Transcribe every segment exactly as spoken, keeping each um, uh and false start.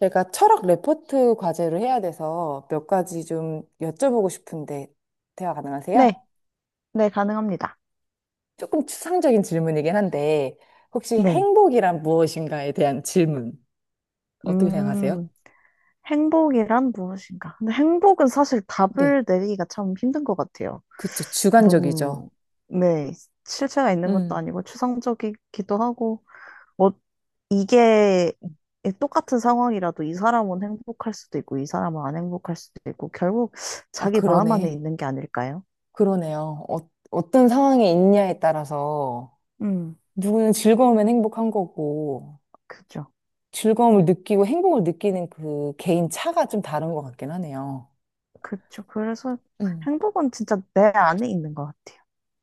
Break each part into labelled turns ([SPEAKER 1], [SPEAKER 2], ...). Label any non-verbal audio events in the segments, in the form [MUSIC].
[SPEAKER 1] 제가 철학 레포트 과제를 해야 돼서 몇 가지 좀 여쭤보고 싶은데 대화 가능하세요?
[SPEAKER 2] 네, 네, 가능합니다.
[SPEAKER 1] 조금 추상적인 질문이긴 한데 혹시
[SPEAKER 2] 네.
[SPEAKER 1] 행복이란 무엇인가에 대한 질문 어떻게 생각하세요?
[SPEAKER 2] 음, 행복이란 무엇인가? 근데 행복은 사실
[SPEAKER 1] 네,
[SPEAKER 2] 답을 내리기가 참 힘든 것 같아요.
[SPEAKER 1] 그쵸.
[SPEAKER 2] 너무,
[SPEAKER 1] 주관적이죠.
[SPEAKER 2] 네, 실체가 있는 것도
[SPEAKER 1] 음,
[SPEAKER 2] 아니고 추상적이기도 하고, 어, 이게 똑같은 상황이라도 이 사람은 행복할 수도 있고, 이 사람은 안 행복할 수도 있고, 결국
[SPEAKER 1] 아,
[SPEAKER 2] 자기 마음 안에
[SPEAKER 1] 그러네.
[SPEAKER 2] 있는 게 아닐까요?
[SPEAKER 1] 그러네요. 어, 어떤 상황에 있냐에 따라서
[SPEAKER 2] 음,
[SPEAKER 1] 누구는 즐거우면 행복한 거고
[SPEAKER 2] 그죠.
[SPEAKER 1] 즐거움을 느끼고 행복을 느끼는 그 개인 차가 좀 다른 것 같긴 하네요.
[SPEAKER 2] 그죠. 그래서
[SPEAKER 1] 음.
[SPEAKER 2] 행복은 진짜 내 안에 있는 것 같아요.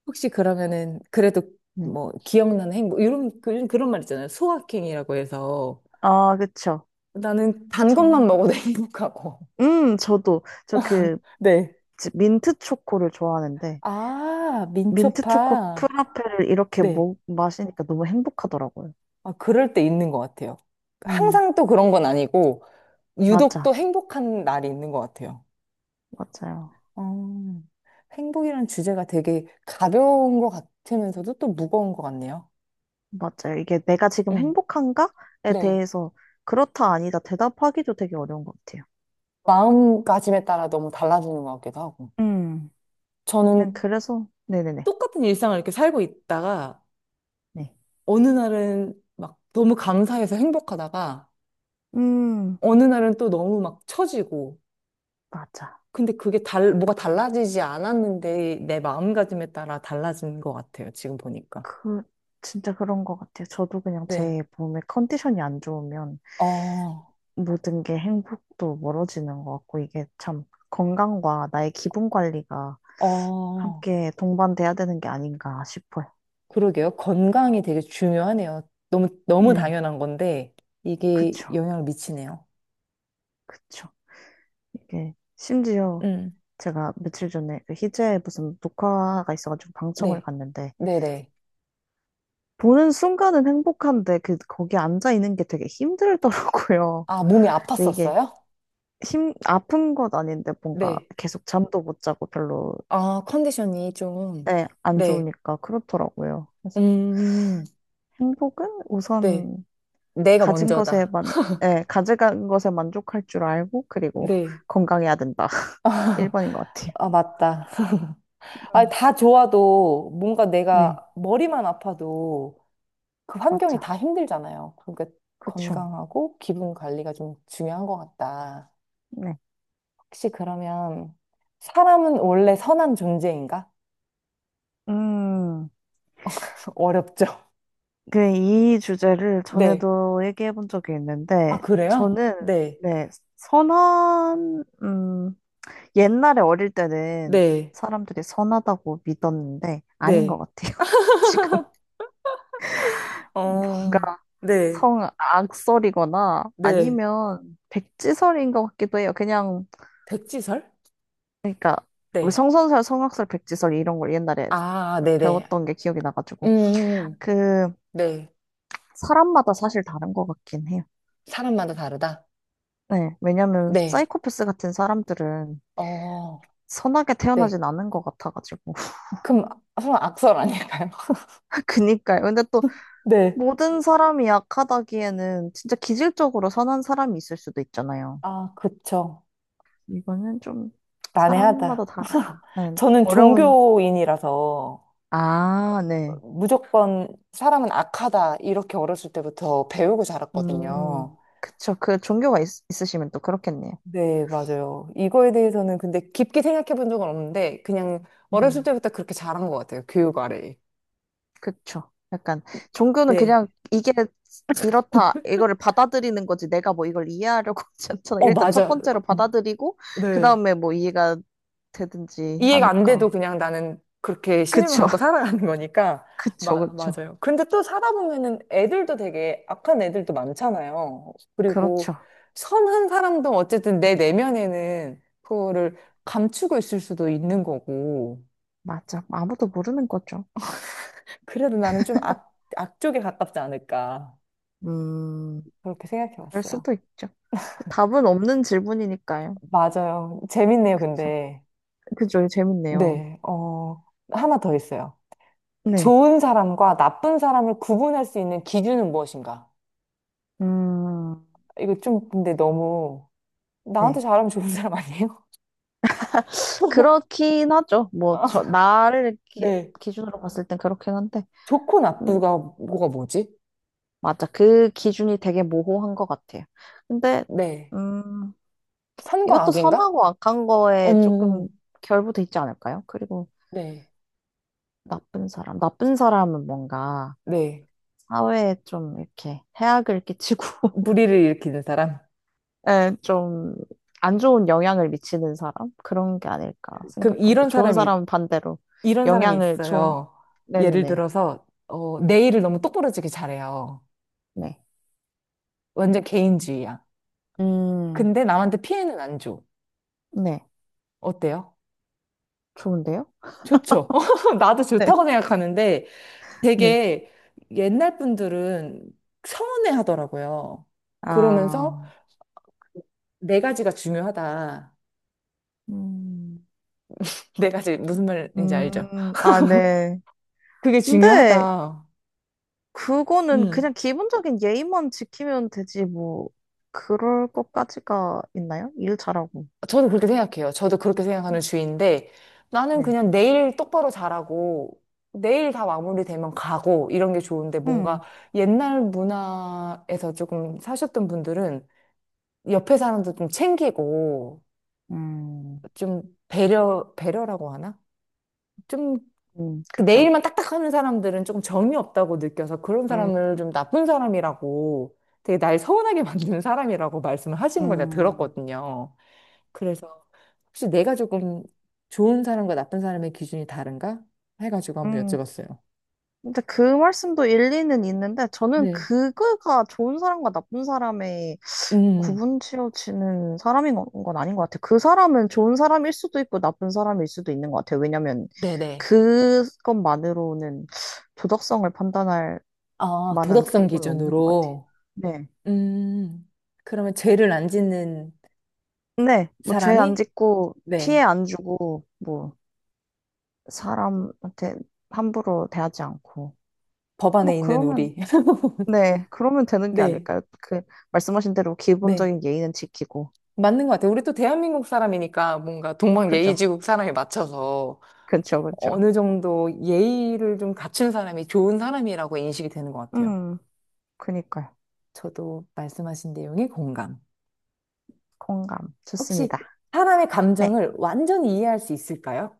[SPEAKER 1] 혹시 그러면은 그래도
[SPEAKER 2] 네.
[SPEAKER 1] 뭐 기억나는 행복 뭐 이런 그- 그런 말 있잖아요. 소확행이라고 해서
[SPEAKER 2] 아, 그쵸.
[SPEAKER 1] 나는 단
[SPEAKER 2] 저,
[SPEAKER 1] 것만 먹어도 [LAUGHS] 행복하고.
[SPEAKER 2] 음, 저도 저 그
[SPEAKER 1] 네.
[SPEAKER 2] 민트 초코를 좋아하는데
[SPEAKER 1] 아,
[SPEAKER 2] 민트 초코
[SPEAKER 1] 민초파.
[SPEAKER 2] 프라페를 이렇게
[SPEAKER 1] 네.
[SPEAKER 2] 먹, 마시니까 너무 행복하더라고요.
[SPEAKER 1] 아, 그럴 때 있는 것 같아요.
[SPEAKER 2] 음,
[SPEAKER 1] 항상 또 그런 건 아니고 유독 또
[SPEAKER 2] 맞아,
[SPEAKER 1] 행복한 날이 있는 것 같아요.
[SPEAKER 2] 맞아요,
[SPEAKER 1] 어, 행복이라는 주제가 되게 가벼운 것 같으면서도 또 무거운 것 같네요.
[SPEAKER 2] 맞아요. 이게 내가 지금
[SPEAKER 1] 음.
[SPEAKER 2] 행복한가에
[SPEAKER 1] 네.
[SPEAKER 2] 대해서 그렇다 아니다 대답하기도 되게 어려운 것 같아요.
[SPEAKER 1] 마음가짐에 따라 너무 달라지는 것 같기도 하고.
[SPEAKER 2] 음,
[SPEAKER 1] 저는
[SPEAKER 2] 그냥 그래서 네네네.
[SPEAKER 1] 똑같은 일상을 이렇게 살고 있다가
[SPEAKER 2] 네.
[SPEAKER 1] 어느 날은 막 너무 감사해서 행복하다가
[SPEAKER 2] 음,
[SPEAKER 1] 어느 날은 또 너무 막 처지고
[SPEAKER 2] 맞아.
[SPEAKER 1] 근데 그게 달, 뭐가 달라지지 않았는데 내 마음가짐에 따라 달라진 것 같아요. 지금 보니까.
[SPEAKER 2] 그 진짜 그런 것 같아요. 저도 그냥
[SPEAKER 1] 네.
[SPEAKER 2] 제 몸의 컨디션이 안 좋으면
[SPEAKER 1] 어,
[SPEAKER 2] 모든 게 행복도 멀어지는 것 같고, 이게 참 건강과 나의 기분 관리가
[SPEAKER 1] 어,
[SPEAKER 2] 함께 동반돼야 되는 게 아닌가 싶어요.
[SPEAKER 1] 그러게요. 건강이 되게 중요하네요. 너무, 너무
[SPEAKER 2] 네,
[SPEAKER 1] 당연한 건데 이게
[SPEAKER 2] 그쵸,
[SPEAKER 1] 영향을 미치네요.
[SPEAKER 2] 그쵸. 이게 심지어
[SPEAKER 1] 음.
[SPEAKER 2] 제가 며칠 전에 그 희재 무슨 녹화가 있어가지고 방청을
[SPEAKER 1] 네.
[SPEAKER 2] 갔는데,
[SPEAKER 1] 네네.
[SPEAKER 2] 보는 순간은 행복한데, 그, 거기 앉아 있는 게 되게 힘들더라고요.
[SPEAKER 1] 아, 몸이
[SPEAKER 2] 근데 이게
[SPEAKER 1] 아팠었어요?
[SPEAKER 2] 힘, 아픈 것 아닌데 뭔가
[SPEAKER 1] 네.
[SPEAKER 2] 계속 잠도 못 자고 별로,
[SPEAKER 1] 아, 컨디션이 좀.
[SPEAKER 2] 네, 안
[SPEAKER 1] 네.
[SPEAKER 2] 좋으니까 그렇더라고요.
[SPEAKER 1] 음,
[SPEAKER 2] 행복은
[SPEAKER 1] 네.
[SPEAKER 2] 우선
[SPEAKER 1] 내가
[SPEAKER 2] 가진 것에
[SPEAKER 1] 먼저다.
[SPEAKER 2] 만, 예, 가져간 것에 만족할 줄 알고, 그리고
[SPEAKER 1] 네.
[SPEAKER 2] [LAUGHS] 건강해야 된다. [LAUGHS] 일 번인 것 같아요.
[SPEAKER 1] 아, 맞다. 아,
[SPEAKER 2] 음,
[SPEAKER 1] 다 좋아도 뭔가
[SPEAKER 2] 네,
[SPEAKER 1] 내가 머리만 아파도 그 환경이
[SPEAKER 2] 맞죠.
[SPEAKER 1] 다 힘들잖아요. 그러니까
[SPEAKER 2] 그쵸.
[SPEAKER 1] 건강하고 기분 관리가 좀 중요한 것 같다.
[SPEAKER 2] 네.
[SPEAKER 1] 혹시 그러면 사람은 원래 선한 존재인가?
[SPEAKER 2] 음,
[SPEAKER 1] [LAUGHS] 어렵죠.
[SPEAKER 2] 그, 이 주제를
[SPEAKER 1] 네.
[SPEAKER 2] 전에도 얘기해 본 적이
[SPEAKER 1] 아,
[SPEAKER 2] 있는데,
[SPEAKER 1] 그래요?
[SPEAKER 2] 저는,
[SPEAKER 1] 네.
[SPEAKER 2] 네, 선한, 음, 옛날에 어릴 때는
[SPEAKER 1] 네.
[SPEAKER 2] 사람들이 선하다고 믿었는데, 아닌 것
[SPEAKER 1] 네.
[SPEAKER 2] 같아요. [LAUGHS] 지금. 뭔가
[SPEAKER 1] 어, 네.
[SPEAKER 2] 성 악설이거나
[SPEAKER 1] 네.
[SPEAKER 2] 아니면 백지설인 것 같기도 해요. 그냥
[SPEAKER 1] 백지설?
[SPEAKER 2] 그러니까 뭐
[SPEAKER 1] 네.
[SPEAKER 2] 성선설, 성악설, 백지설 이런 걸 옛날에
[SPEAKER 1] 아, 네네.
[SPEAKER 2] 배웠던 게 기억이 나가지고
[SPEAKER 1] 음,
[SPEAKER 2] 그
[SPEAKER 1] 네.
[SPEAKER 2] 사람마다 사실 다른 것 같긴 해요.
[SPEAKER 1] 사람마다 다르다?
[SPEAKER 2] 네, 왜냐면
[SPEAKER 1] 네.
[SPEAKER 2] 사이코패스 같은 사람들은
[SPEAKER 1] 어,
[SPEAKER 2] 선하게
[SPEAKER 1] 네.
[SPEAKER 2] 태어나진 않은 것 같아가지고 [LAUGHS]
[SPEAKER 1] 그럼 아- 설마 악설 아닐까요? [LAUGHS]
[SPEAKER 2] 그니까요. 근데 또
[SPEAKER 1] 네.
[SPEAKER 2] 모든 사람이 약하다기에는 진짜 기질적으로 선한 사람이 있을 수도 있잖아요.
[SPEAKER 1] 아, 그쵸.
[SPEAKER 2] 이거는 좀 사람마다
[SPEAKER 1] 난해하다.
[SPEAKER 2] 다르다. 네,
[SPEAKER 1] 저는
[SPEAKER 2] 어려운
[SPEAKER 1] 종교인이라서
[SPEAKER 2] 아, 네.
[SPEAKER 1] 무조건 사람은 악하다 이렇게 어렸을 때부터 배우고 자랐거든요.
[SPEAKER 2] 음, 그쵸. 그 종교가 있, 있으시면 또 그렇겠네요.
[SPEAKER 1] 네, 맞아요. 이거에 대해서는 근데 깊게 생각해 본 적은 없는데 그냥 어렸을
[SPEAKER 2] 음,
[SPEAKER 1] 때부터 그렇게 자란 것 같아요. 교육 아래.
[SPEAKER 2] 그쵸. 약간 종교는
[SPEAKER 1] 네.
[SPEAKER 2] 그냥 이게 이렇다, 이거를 받아들이는 거지. 내가 뭐 이걸 이해하려고 [LAUGHS] 하지 않잖아.
[SPEAKER 1] 어,
[SPEAKER 2] 일단 첫
[SPEAKER 1] 맞아.
[SPEAKER 2] 번째로
[SPEAKER 1] 음,
[SPEAKER 2] 받아들이고, 그
[SPEAKER 1] 네.
[SPEAKER 2] 다음에 뭐 이해가 되든지
[SPEAKER 1] 이해가 안 돼도
[SPEAKER 2] 하니까.
[SPEAKER 1] 그냥 나는 그렇게 신념을
[SPEAKER 2] 그쵸.
[SPEAKER 1] 갖고
[SPEAKER 2] [LAUGHS]
[SPEAKER 1] 살아가는 거니까.
[SPEAKER 2] 그쵸.
[SPEAKER 1] 마,
[SPEAKER 2] 그쵸.
[SPEAKER 1] 맞아요. 근데 또 살아보면은 애들도 되게 악한 애들도 많잖아요. 그리고
[SPEAKER 2] 그렇죠.
[SPEAKER 1] 선한 사람도 어쨌든 내 내면에는 그거를 감추고 있을 수도 있는 거고.
[SPEAKER 2] 맞아. 아무도 모르는 거죠.
[SPEAKER 1] 그래도 나는 좀 악, 악 쪽에 가깝지 않을까.
[SPEAKER 2] 음.
[SPEAKER 1] 그렇게 생각해
[SPEAKER 2] 그럴
[SPEAKER 1] 봤어요.
[SPEAKER 2] 수도 있죠. 답은 없는 질문이니까요.
[SPEAKER 1] 맞아요. 재밌네요,
[SPEAKER 2] 그쵸.
[SPEAKER 1] 근데.
[SPEAKER 2] 그죠. 재밌네요.
[SPEAKER 1] 네, 어, 하나 더 있어요.
[SPEAKER 2] 네.
[SPEAKER 1] 좋은 사람과 나쁜 사람을 구분할 수 있는 기준은 무엇인가?
[SPEAKER 2] 음,
[SPEAKER 1] 이거 좀 근데 너무 나한테
[SPEAKER 2] 네.
[SPEAKER 1] 잘하면 좋은 사람 아니에요? [LAUGHS]
[SPEAKER 2] 그렇긴 하죠. 뭐,
[SPEAKER 1] 아,
[SPEAKER 2] 저, 나를 이렇게
[SPEAKER 1] 네.
[SPEAKER 2] 기준으로 봤을 땐 그렇긴 한데,
[SPEAKER 1] 좋고
[SPEAKER 2] 음,
[SPEAKER 1] 나쁘가 뭐가 뭐지?
[SPEAKER 2] 맞아. 그 기준이 되게 모호한 것 같아요. 근데,
[SPEAKER 1] 네.
[SPEAKER 2] 음,
[SPEAKER 1] 선과
[SPEAKER 2] 이것도
[SPEAKER 1] 악인가?
[SPEAKER 2] 선하고 악한 거에 조금
[SPEAKER 1] 음,
[SPEAKER 2] 결부돼 있지 않을까요? 그리고
[SPEAKER 1] 네.
[SPEAKER 2] 나쁜 사람. 나쁜 사람은 뭔가
[SPEAKER 1] 네.
[SPEAKER 2] 사회에 좀 이렇게 해악을 끼치고, [LAUGHS]
[SPEAKER 1] 무리를 일으키는 사람.
[SPEAKER 2] 예, 좀, 안 좋은 영향을 미치는 사람? 그런 게 아닐까
[SPEAKER 1] 그럼
[SPEAKER 2] 생각합니다.
[SPEAKER 1] 이런
[SPEAKER 2] 좋은
[SPEAKER 1] 사람이,
[SPEAKER 2] 사람은 반대로
[SPEAKER 1] 이런 사람이
[SPEAKER 2] 영향을 좋은,
[SPEAKER 1] 있어요. 예를
[SPEAKER 2] 네네네.
[SPEAKER 1] 들어서, 어, 내 일을 너무 똑부러지게 잘해요.
[SPEAKER 2] 네.
[SPEAKER 1] 완전 개인주의야.
[SPEAKER 2] 음.
[SPEAKER 1] 근데 남한테 피해는 안 줘.
[SPEAKER 2] 네.
[SPEAKER 1] 어때요?
[SPEAKER 2] 좋은데요?
[SPEAKER 1] 좋죠. [LAUGHS] 나도
[SPEAKER 2] 네,
[SPEAKER 1] 좋다고 생각하는데,
[SPEAKER 2] 네.
[SPEAKER 1] 되게 옛날 분들은 서운해 하더라고요. 그러면서
[SPEAKER 2] 아,
[SPEAKER 1] 네 가지가 중요하다.
[SPEAKER 2] 음,
[SPEAKER 1] 네 가지 무슨 말인지 알죠?
[SPEAKER 2] 음, 아, 네.
[SPEAKER 1] 그게
[SPEAKER 2] 근데
[SPEAKER 1] 중요하다.
[SPEAKER 2] 그거는
[SPEAKER 1] 음.
[SPEAKER 2] 그냥 기본적인 예의만 지키면 되지, 뭐, 그럴 것까지가 있나요? 일 잘하고.
[SPEAKER 1] 저도 그렇게 생각해요. 저도 그렇게 생각하는 주의인데 나는
[SPEAKER 2] 네.
[SPEAKER 1] 그냥 내일 똑바로 잘하고 내일 다 마무리되면 가고 이런 게 좋은데 뭔가
[SPEAKER 2] 음,
[SPEAKER 1] 옛날 문화에서 조금 사셨던 분들은 옆에 사람도 좀 챙기고
[SPEAKER 2] 음,
[SPEAKER 1] 좀 배려 배려라고 하나? 좀
[SPEAKER 2] 음,
[SPEAKER 1] 그
[SPEAKER 2] 그쵸.
[SPEAKER 1] 네일만 딱딱하는 사람들은 조금 정이 없다고 느껴서 그런
[SPEAKER 2] 음,
[SPEAKER 1] 사람을 좀 나쁜 사람이라고 되게 날 서운하게 [LAUGHS] 만드는 사람이라고 말씀을 하시는 걸 제가
[SPEAKER 2] 음.
[SPEAKER 1] 들었거든요. 그래서 혹시 내가 조금 좋은 사람과 나쁜 사람의 기준이 다른가? 해가지고 한번
[SPEAKER 2] 음.
[SPEAKER 1] 여쭤봤어요.
[SPEAKER 2] 근데 그 말씀도 일리는 있는데, 저는
[SPEAKER 1] 네.
[SPEAKER 2] 그거가 좋은 사람과 나쁜 사람의
[SPEAKER 1] 음,
[SPEAKER 2] 구분 지어지는 사람인 건, 건 아닌 것 같아. 그 사람은 좋은 사람일 수도 있고 나쁜 사람일 수도 있는 것 같아. 왜냐면
[SPEAKER 1] 네네.
[SPEAKER 2] 그것만으로는 도덕성을 판단할
[SPEAKER 1] 아,
[SPEAKER 2] 만한
[SPEAKER 1] 도덕성
[SPEAKER 2] 근거는 없는 것 같아.
[SPEAKER 1] 기준으로.
[SPEAKER 2] 네.
[SPEAKER 1] 음, 그러면 죄를 안 짓는
[SPEAKER 2] 네, 뭐 죄 안
[SPEAKER 1] 사람이?
[SPEAKER 2] 짓고 피해
[SPEAKER 1] 네.
[SPEAKER 2] 안 주고 뭐 사람한테 함부로 대하지 않고
[SPEAKER 1] 법
[SPEAKER 2] 뭐
[SPEAKER 1] 안에 있는
[SPEAKER 2] 그러면
[SPEAKER 1] 우리. [LAUGHS]
[SPEAKER 2] 네, 그러면 되는 게
[SPEAKER 1] 네,
[SPEAKER 2] 아닐까요? 그 말씀하신 대로
[SPEAKER 1] 네.
[SPEAKER 2] 기본적인 예의는 지키고
[SPEAKER 1] 맞는 것 같아요. 우리 또 대한민국 사람이니까 뭔가 동방
[SPEAKER 2] 그죠?
[SPEAKER 1] 예의지국 사람에 맞춰서
[SPEAKER 2] 그죠, 그죠.
[SPEAKER 1] 어느 정도 예의를 좀 갖춘 사람이 좋은 사람이라고 인식이 되는 것 같아요.
[SPEAKER 2] 음, 그니까요.
[SPEAKER 1] 저도 말씀하신 내용이 공감.
[SPEAKER 2] 공감.
[SPEAKER 1] 혹시
[SPEAKER 2] 좋습니다.
[SPEAKER 1] 사람의
[SPEAKER 2] 네.
[SPEAKER 1] 감정을 완전히 이해할 수 있을까요?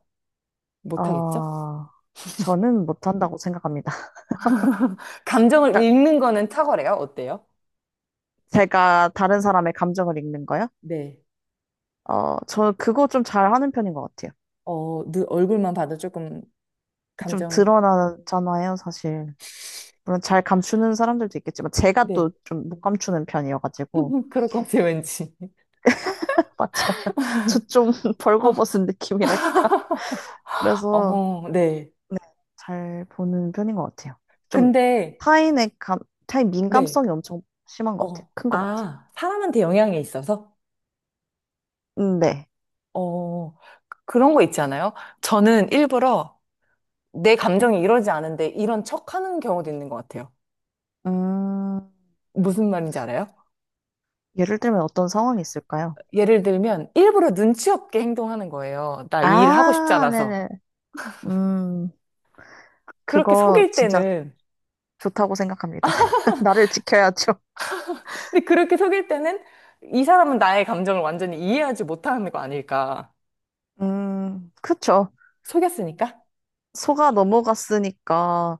[SPEAKER 1] 못하겠죠?
[SPEAKER 2] 어, 저는 못한다고 생각합니다. [LAUGHS]
[SPEAKER 1] 감정을
[SPEAKER 2] 그러니까
[SPEAKER 1] 읽는 거는 탁월해요. 어때요?
[SPEAKER 2] 제가 다른 사람의 감정을 읽는 거요?
[SPEAKER 1] 네.
[SPEAKER 2] 어, 저 그거 좀 잘하는 편인 것 같아요.
[SPEAKER 1] 어, 눈, 얼굴만 봐도 조금
[SPEAKER 2] 좀
[SPEAKER 1] 감정,
[SPEAKER 2] 드러나잖아요, 사실. 물론 잘 감추는 사람들도 있겠지만 제가
[SPEAKER 1] 네.
[SPEAKER 2] 또 좀 못 감추는 편이어가지고
[SPEAKER 1] [LAUGHS] 그럴 것 같아요, 왠지.
[SPEAKER 2] [LAUGHS] 맞아요. 저 좀 [LAUGHS]
[SPEAKER 1] [LAUGHS]
[SPEAKER 2] 벌거벗은 느낌이랄까. 그래서
[SPEAKER 1] 어, 네.
[SPEAKER 2] 네, 잘 보는 편인 것 같아요. 좀
[SPEAKER 1] 근데,
[SPEAKER 2] 타인의 감, 타인
[SPEAKER 1] 네.
[SPEAKER 2] 민감성이 엄청 심한 것 같아요.
[SPEAKER 1] 어,
[SPEAKER 2] 큰 것 같아요.
[SPEAKER 1] 아, 사람한테 영향이 있어서?
[SPEAKER 2] 음, 네.
[SPEAKER 1] 어, 그런 거 있지 않아요? 저는 일부러 내
[SPEAKER 2] 네.
[SPEAKER 1] 감정이 이러지 않은데 이런 척 하는 경우도 있는 것 같아요.
[SPEAKER 2] 음.
[SPEAKER 1] 무슨 말인지 알아요?
[SPEAKER 2] 예를 들면 어떤 상황이 있을까요?
[SPEAKER 1] 예를 들면 일부러 눈치 없게 행동하는 거예요. 나 이 일을 하고 싶지
[SPEAKER 2] 아,
[SPEAKER 1] 않아서.
[SPEAKER 2] 네네. 음,
[SPEAKER 1] 그렇게
[SPEAKER 2] 그거
[SPEAKER 1] 속일
[SPEAKER 2] 진짜
[SPEAKER 1] 때는,
[SPEAKER 2] 좋다고 생각합니다. [LAUGHS] 나를 지켜야죠.
[SPEAKER 1] 근데 그렇게 속일 때는 이 사람은 나의 감정을 완전히 이해하지 못하는 거 아닐까.
[SPEAKER 2] 음, 그쵸.
[SPEAKER 1] 속였으니까?
[SPEAKER 2] 속아 넘어갔으니까,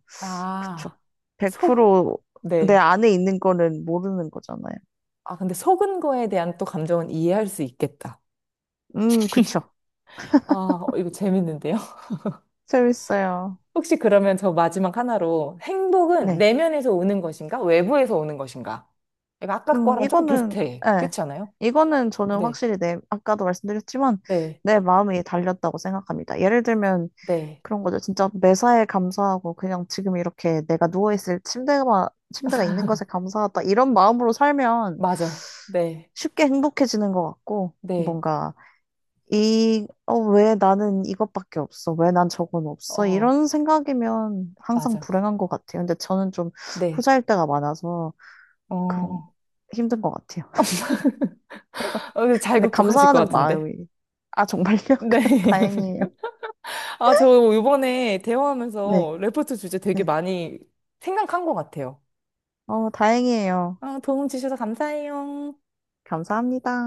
[SPEAKER 2] 그쵸.
[SPEAKER 1] 아, 속,
[SPEAKER 2] 백 퍼센트 내
[SPEAKER 1] 네.
[SPEAKER 2] 안에 있는 거는 모르는 거잖아요.
[SPEAKER 1] 아, 근데 속은 거에 대한 또 감정은 이해할 수 있겠다.
[SPEAKER 2] 음, 그쵸.
[SPEAKER 1] 아, 어, 이거 재밌는데요? [LAUGHS]
[SPEAKER 2] 재밌어요.
[SPEAKER 1] 혹시 그러면 저 마지막 하나로 행복은
[SPEAKER 2] 네.
[SPEAKER 1] 내면에서 오는 것인가? 외부에서 오는 것인가? 이거 아까
[SPEAKER 2] 음,
[SPEAKER 1] 거랑 조금
[SPEAKER 2] 이거는,
[SPEAKER 1] 비슷해.
[SPEAKER 2] 예.
[SPEAKER 1] 그렇지 않아요?
[SPEAKER 2] 이거는 저는
[SPEAKER 1] 네,
[SPEAKER 2] 확실히 내, 아까도 말씀드렸지만,
[SPEAKER 1] 네,
[SPEAKER 2] 내 마음이 달렸다고 생각합니다. 예를 들면,
[SPEAKER 1] 네.
[SPEAKER 2] 그런 거죠. 진짜 매사에 감사하고 그냥 지금 이렇게 내가 누워있을 침대가, 침대가 있는 것에 감사하다. 이런 마음으로 살면
[SPEAKER 1] 맞아. 네,
[SPEAKER 2] 쉽게 행복해지는 것 같고,
[SPEAKER 1] 네.
[SPEAKER 2] 뭔가, 이, 어, 왜 나는 이것밖에 없어? 왜 난 저건 없어?
[SPEAKER 1] 어,
[SPEAKER 2] 이런 생각이면 항상
[SPEAKER 1] 맞아.
[SPEAKER 2] 불행한 것 같아요. 근데 저는 좀
[SPEAKER 1] 네.
[SPEAKER 2] 후자일 때가 많아서
[SPEAKER 1] 어,
[SPEAKER 2] 그런,
[SPEAKER 1] 어,
[SPEAKER 2] 힘든 것 같아요.
[SPEAKER 1] 근데 잘
[SPEAKER 2] 근데
[SPEAKER 1] 극복하실 것
[SPEAKER 2] 감사하는
[SPEAKER 1] 같은데.
[SPEAKER 2] 마음이, 아, 정말요?
[SPEAKER 1] 네.
[SPEAKER 2] [LAUGHS] 다행이에요.
[SPEAKER 1] [LAUGHS] 아, 저 이번에
[SPEAKER 2] 네,
[SPEAKER 1] 대화하면서 레포트 주제 되게
[SPEAKER 2] 네.
[SPEAKER 1] 많이 생각한 것 같아요.
[SPEAKER 2] 어, 다행이에요.
[SPEAKER 1] 아, 도움 주셔서 감사해요.
[SPEAKER 2] 감사합니다.